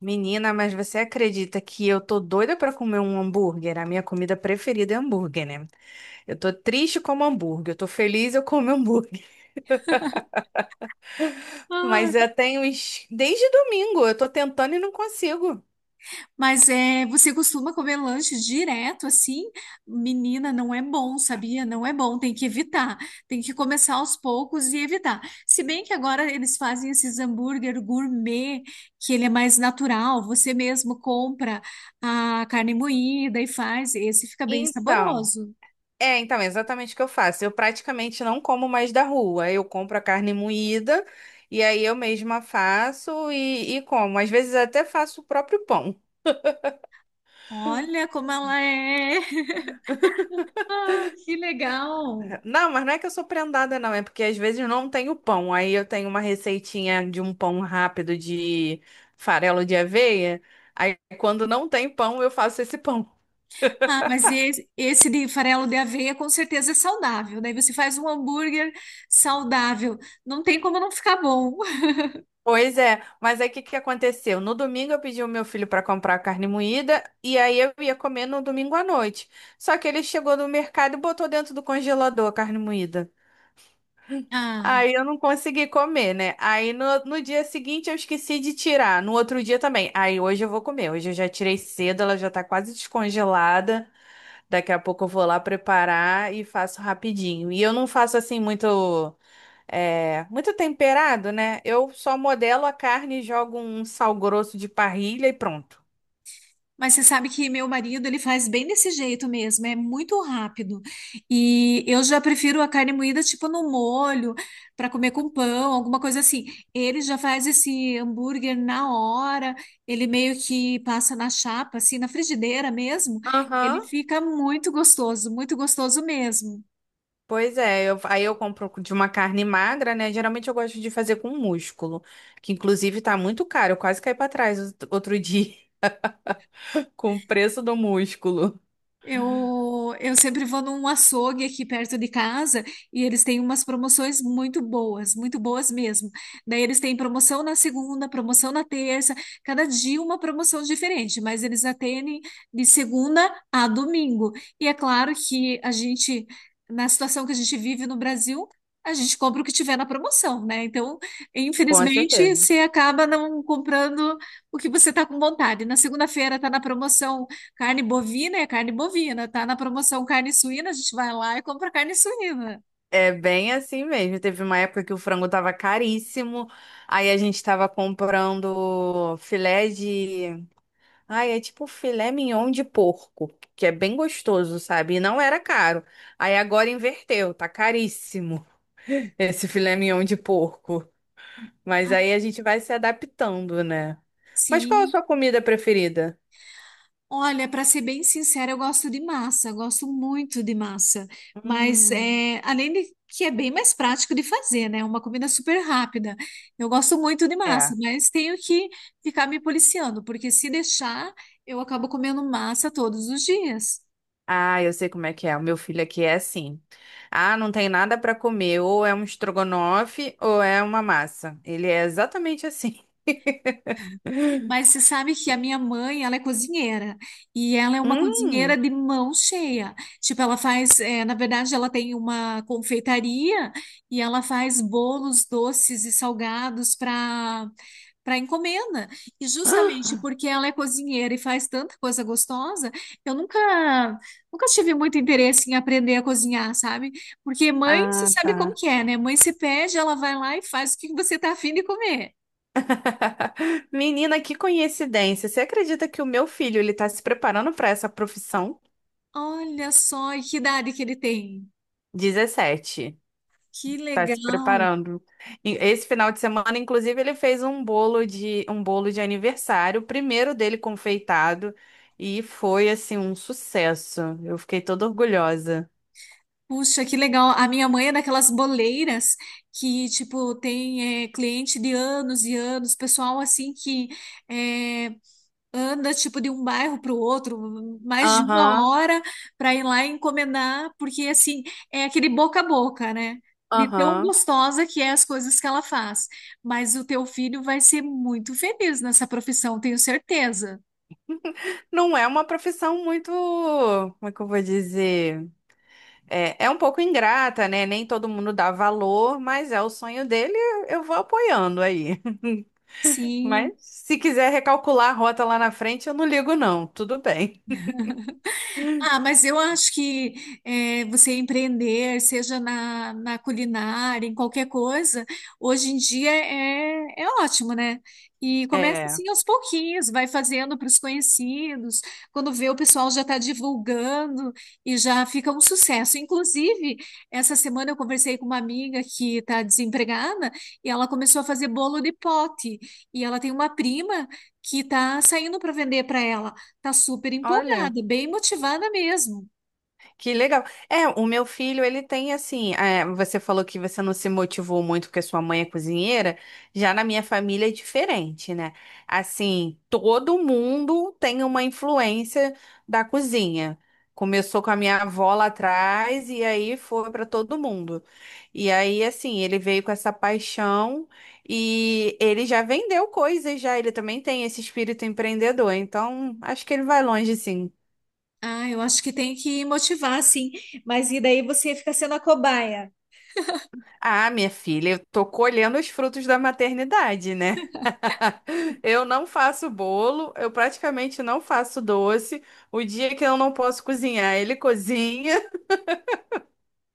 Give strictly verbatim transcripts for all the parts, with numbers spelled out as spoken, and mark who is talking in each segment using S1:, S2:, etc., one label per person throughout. S1: Menina, mas você acredita que eu tô doida pra comer um hambúrguer? A minha comida preferida é hambúrguer, né? Eu tô triste como hambúrguer, eu tô feliz eu como hambúrguer.
S2: Ah,
S1: Mas eu tenho uns- desde domingo, eu tô tentando e não consigo.
S2: mas é, você costuma comer lanche direto assim? Menina, não é bom, sabia? Não é bom, tem que evitar. Tem que começar aos poucos e evitar. Se bem que agora eles fazem esses hambúrguer gourmet, que ele é mais natural, você mesmo compra a carne moída e faz, esse fica bem
S1: Então,
S2: saboroso.
S1: é, então, é exatamente o que eu faço. Eu praticamente não como mais da rua. Eu compro a carne moída e aí eu mesma faço e, e como. Às vezes até faço o próprio pão.
S2: Olha como ela é! Que legal!
S1: Não, mas não é que eu sou prendada, não. É porque às vezes não tenho pão. Aí eu tenho uma receitinha de um pão rápido de farelo de aveia. Aí quando não tem pão, eu faço esse pão.
S2: Ah, mas esse, esse de farelo de aveia com certeza é saudável. Daí você faz um hambúrguer saudável. Não tem como não ficar bom.
S1: Pois é, mas aí o que que aconteceu? No domingo eu pedi o meu filho para comprar carne moída e aí eu ia comer no domingo à noite. Só que ele chegou no mercado e botou dentro do congelador a carne moída.
S2: Ah,
S1: Aí eu não consegui comer, né? Aí no, no dia seguinte eu esqueci de tirar, no outro dia também. Aí hoje eu vou comer. Hoje eu já tirei cedo, ela já tá quase descongelada. Daqui a pouco eu vou lá preparar e faço rapidinho. E eu não faço assim muito, é, muito temperado, né? Eu só modelo a carne, jogo um sal grosso de parrilha e pronto.
S2: mas você sabe que meu marido ele faz bem desse jeito mesmo, é muito rápido. E eu já prefiro a carne moída tipo no molho, para comer com pão, alguma coisa assim. Ele já faz esse hambúrguer na hora, ele meio que passa na chapa, assim, na frigideira mesmo. Ele
S1: Aham.
S2: fica muito gostoso, muito gostoso mesmo.
S1: Pois é, eu- aí eu compro de uma carne magra, né? Geralmente eu gosto de fazer com músculo, que inclusive tá muito caro, eu quase caí pra trás out- outro dia com o preço do músculo.
S2: Eu, eu sempre vou num açougue aqui perto de casa e eles têm umas promoções muito boas, muito boas mesmo. Daí eles têm promoção na segunda, promoção na terça, cada dia uma promoção diferente, mas eles atendem de segunda a domingo. E é claro que a gente, na situação que a gente vive no Brasil, a gente compra o que tiver na promoção, né? Então,
S1: Com
S2: infelizmente,
S1: certeza.
S2: você acaba não comprando o que você está com vontade. Na segunda-feira está na promoção. Carne bovina é carne bovina, tá na promoção carne suína, a gente vai lá e compra carne suína.
S1: É bem assim mesmo. Teve uma época que o frango tava caríssimo, aí a gente tava comprando filé de. Ai, é tipo filé mignon de porco, que é bem gostoso, sabe? E não era caro. Aí agora inverteu, tá caríssimo esse filé mignon de porco. Mas aí a gente vai se adaptando, né? Mas qual a
S2: Aqui,
S1: sua comida preferida?
S2: olha, para ser bem sincera, eu gosto de massa, eu gosto muito de massa, mas
S1: Hum,
S2: é, além de que é bem mais prático de fazer, né? É uma comida super rápida. Eu gosto muito de
S1: é.
S2: massa, mas tenho que ficar me policiando, porque se deixar, eu acabo comendo massa todos os dias.
S1: Ah, eu sei como é que é. O meu filho aqui é assim. Ah, não tem nada para comer. Ou é um estrogonofe ou é uma massa. Ele é exatamente assim.
S2: Mas você sabe que a minha mãe, ela é cozinheira. E ela é uma
S1: Hum.
S2: cozinheira de mão cheia. Tipo, ela faz, eh, na verdade, ela tem uma confeitaria e ela faz bolos doces e salgados para para encomenda. E justamente porque ela é cozinheira e faz tanta coisa gostosa, eu nunca nunca tive muito interesse em aprender a cozinhar, sabe? Porque mãe, você
S1: Ah,
S2: sabe como
S1: tá.
S2: que é, né? Mãe se pede, ela vai lá e faz o que você tá afim de comer.
S1: Menina, que coincidência. Você acredita que o meu filho ele tá se preparando para essa profissão?
S2: Olha só, e que idade que ele tem.
S1: Dezessete.
S2: Que
S1: Tá se
S2: legal.
S1: preparando. E esse final de semana, inclusive, ele fez um bolo de um bolo de aniversário, o primeiro dele confeitado, e foi assim um sucesso. Eu fiquei toda orgulhosa.
S2: Puxa, que legal. A minha mãe é daquelas boleiras que, tipo, tem é, cliente de anos e anos, pessoal assim que é, anda, tipo, de um bairro para o outro, mais de uma
S1: Aham,
S2: hora para ir lá encomendar, porque, assim, é aquele boca a boca, né? De tão
S1: aham.
S2: gostosa que é as coisas que ela faz. Mas o teu filho vai ser muito feliz nessa profissão, tenho certeza.
S1: Não é uma profissão muito, como é que eu vou dizer? É, é um pouco ingrata, né? Nem todo mundo dá valor, mas é o sonho dele, eu vou apoiando aí. Mas
S2: Sim.
S1: se quiser recalcular a rota lá na frente, eu não ligo, não. Tudo bem.
S2: Ah, mas eu acho que eh, você empreender, seja na, na culinária, em qualquer coisa, hoje em dia é, é ótimo, né? E começa
S1: É,
S2: assim aos pouquinhos, vai fazendo para os conhecidos, quando vê o pessoal já está divulgando e já fica um sucesso. Inclusive, essa semana eu conversei com uma amiga que está desempregada e ela começou a fazer bolo de pote. E ela tem uma prima que está saindo para vender para ela. Tá super
S1: olha.
S2: empolgada, bem motivada mesmo.
S1: Que legal. É, o meu filho, ele tem assim. É, você falou que você não se motivou muito porque sua mãe é cozinheira. Já na minha família é diferente, né? Assim, todo mundo tem uma influência da cozinha. Começou com a minha avó lá atrás e aí foi para todo mundo. E aí, assim, ele veio com essa paixão e ele já vendeu coisas já. Ele também tem esse espírito empreendedor. Então, acho que ele vai longe, sim.
S2: Ah, eu acho que tem que motivar, sim. Mas e daí você fica sendo a cobaia?
S1: Ah, minha filha, eu tô colhendo os frutos da maternidade, né? Eu não faço bolo, eu praticamente não faço doce. O dia que eu não posso cozinhar, ele cozinha.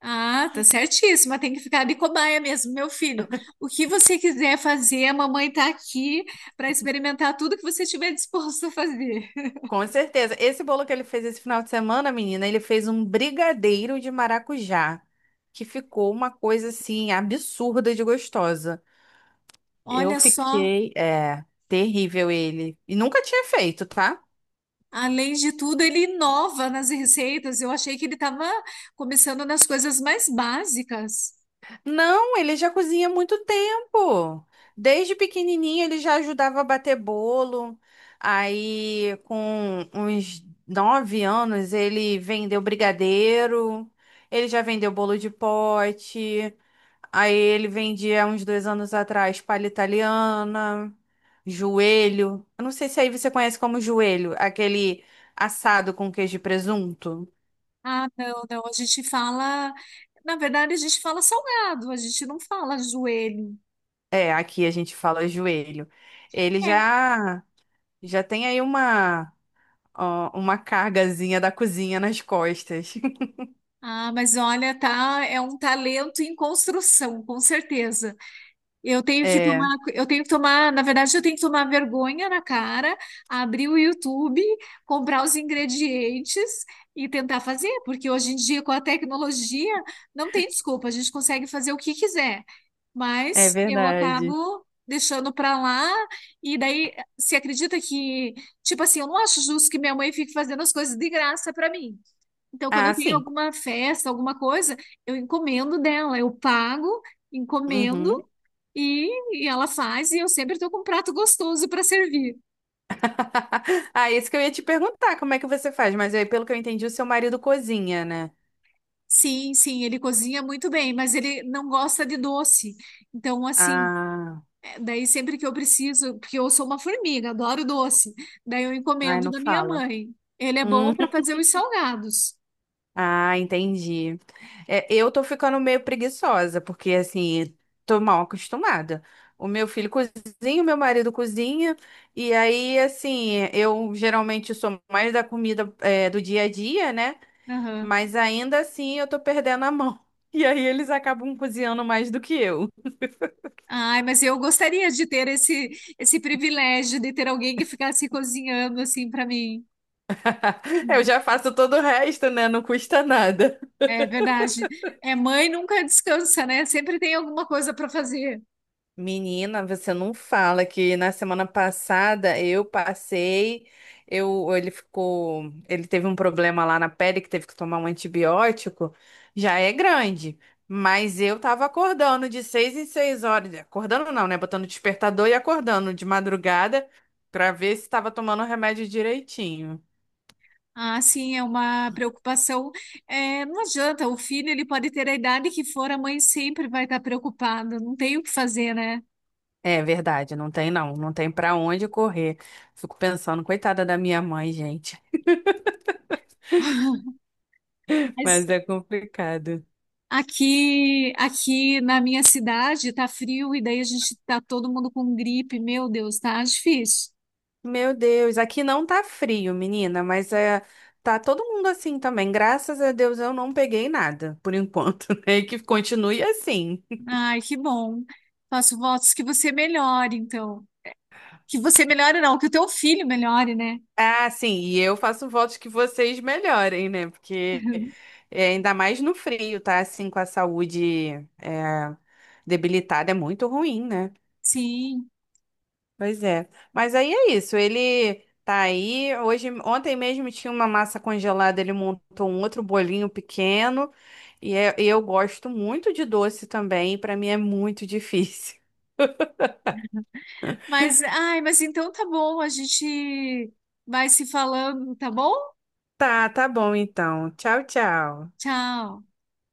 S2: Ah, tá certíssima. Tem que ficar de cobaia mesmo, meu filho. O que você quiser fazer, a mamãe tá aqui para experimentar tudo que você tiver disposto a fazer.
S1: Com certeza. Esse bolo que ele fez esse final de semana, menina, ele fez um brigadeiro de maracujá, que ficou uma coisa assim absurda de gostosa. Eu
S2: Olha só,
S1: fiquei, é, terrível ele. E nunca tinha feito, tá?
S2: além de tudo, ele inova nas receitas. Eu achei que ele estava começando nas coisas mais básicas.
S1: Não, ele já cozinha há muito tempo. Desde pequenininho ele já ajudava a bater bolo. Aí, com uns nove anos, ele vendeu brigadeiro. Ele já vendeu bolo de pote. Aí ele vendia uns dois anos atrás palha italiana, joelho. Eu não sei se aí você conhece como joelho, aquele assado com queijo e presunto.
S2: Ah, não, não, a gente fala, na verdade a gente fala salgado, a gente não fala joelho.
S1: É, aqui a gente fala joelho. Ele
S2: É.
S1: já Já tem aí uma, ó, uma cargazinha da cozinha nas costas.
S2: Ah, mas olha, tá, é um talento em construção, com certeza. Eu tenho que
S1: É,
S2: tomar, eu tenho que tomar, na verdade, eu tenho que tomar vergonha na cara, abrir o YouTube, comprar os ingredientes e tentar fazer, porque hoje em dia, com a tecnologia, não tem desculpa, a gente consegue fazer o que quiser.
S1: é
S2: Mas eu
S1: verdade.
S2: acabo deixando pra lá, e daí se acredita que, tipo assim, eu não acho justo que minha mãe fique fazendo as coisas de graça pra mim. Então, quando
S1: Ah,
S2: eu tenho
S1: sim.
S2: alguma festa, alguma coisa, eu encomendo dela, eu pago, encomendo.
S1: Uhum.
S2: E, e ela faz, e eu sempre estou com um prato gostoso para servir.
S1: Ah, isso que eu ia te perguntar, como é que você faz? Mas aí, pelo que eu entendi, o seu marido cozinha, né?
S2: Sim, sim, ele cozinha muito bem, mas ele não gosta de doce. Então, assim,
S1: Ah,
S2: é, daí sempre que eu preciso, porque eu sou uma formiga, adoro doce, daí eu
S1: ai,
S2: encomendo
S1: não
S2: da minha
S1: fala.
S2: mãe. Ele é bom para fazer os salgados.
S1: Ah, entendi. É, eu tô ficando meio preguiçosa, porque assim, tô mal acostumada. O meu filho cozinha, o meu marido cozinha, e aí, assim, eu geralmente sou mais da comida, é, do dia a dia, né?
S2: Aham.
S1: Mas ainda assim eu tô perdendo a mão. E aí eles acabam cozinhando mais do que eu.
S2: Ai, mas eu gostaria de ter esse, esse privilégio de ter alguém que ficasse cozinhando assim para mim.
S1: Eu já faço todo o resto, né? Não custa nada.
S2: É verdade. É, mãe nunca descansa, né? Sempre tem alguma coisa para fazer.
S1: Menina, você não fala que na semana passada eu passei, eu, ele ficou, ele teve um problema lá na pele que teve que tomar um antibiótico, já é grande, mas eu tava acordando de seis em seis horas, acordando não, né, botando despertador e acordando de madrugada pra ver se tava tomando o remédio direitinho.
S2: Ah, sim, é uma preocupação. É, não adianta, o filho ele pode ter a idade que for, a mãe sempre vai estar preocupada, não tem o que fazer, né?
S1: É verdade, não tem não, não tem pra onde correr. Fico pensando, coitada da minha mãe, gente, mas
S2: Mas
S1: é complicado.
S2: aqui, aqui na minha cidade tá frio e daí a gente tá todo mundo com gripe, meu Deus, tá difícil.
S1: Meu Deus, aqui não tá frio, menina, mas é, tá todo mundo assim também. Graças a Deus eu não peguei nada, por enquanto, né? E que continue assim.
S2: Ai, que bom. Faço votos que você melhore, então. Que você melhore, não, que o teu filho melhore, né?
S1: Ah, sim, e eu faço votos que vocês melhorem, né? Porque é, ainda mais no frio, tá? Assim, com a saúde é, debilitada, é muito ruim, né?
S2: Sim.
S1: Pois é. Mas aí é isso, ele tá aí. Hoje, ontem mesmo tinha uma massa congelada, ele montou um outro bolinho pequeno. E é- eu gosto muito de doce também, para mim é muito difícil.
S2: Mas, ai, mas então tá bom, a gente vai se falando, tá bom?
S1: Tá, tá bom então. Tchau, tchau.
S2: Tchau.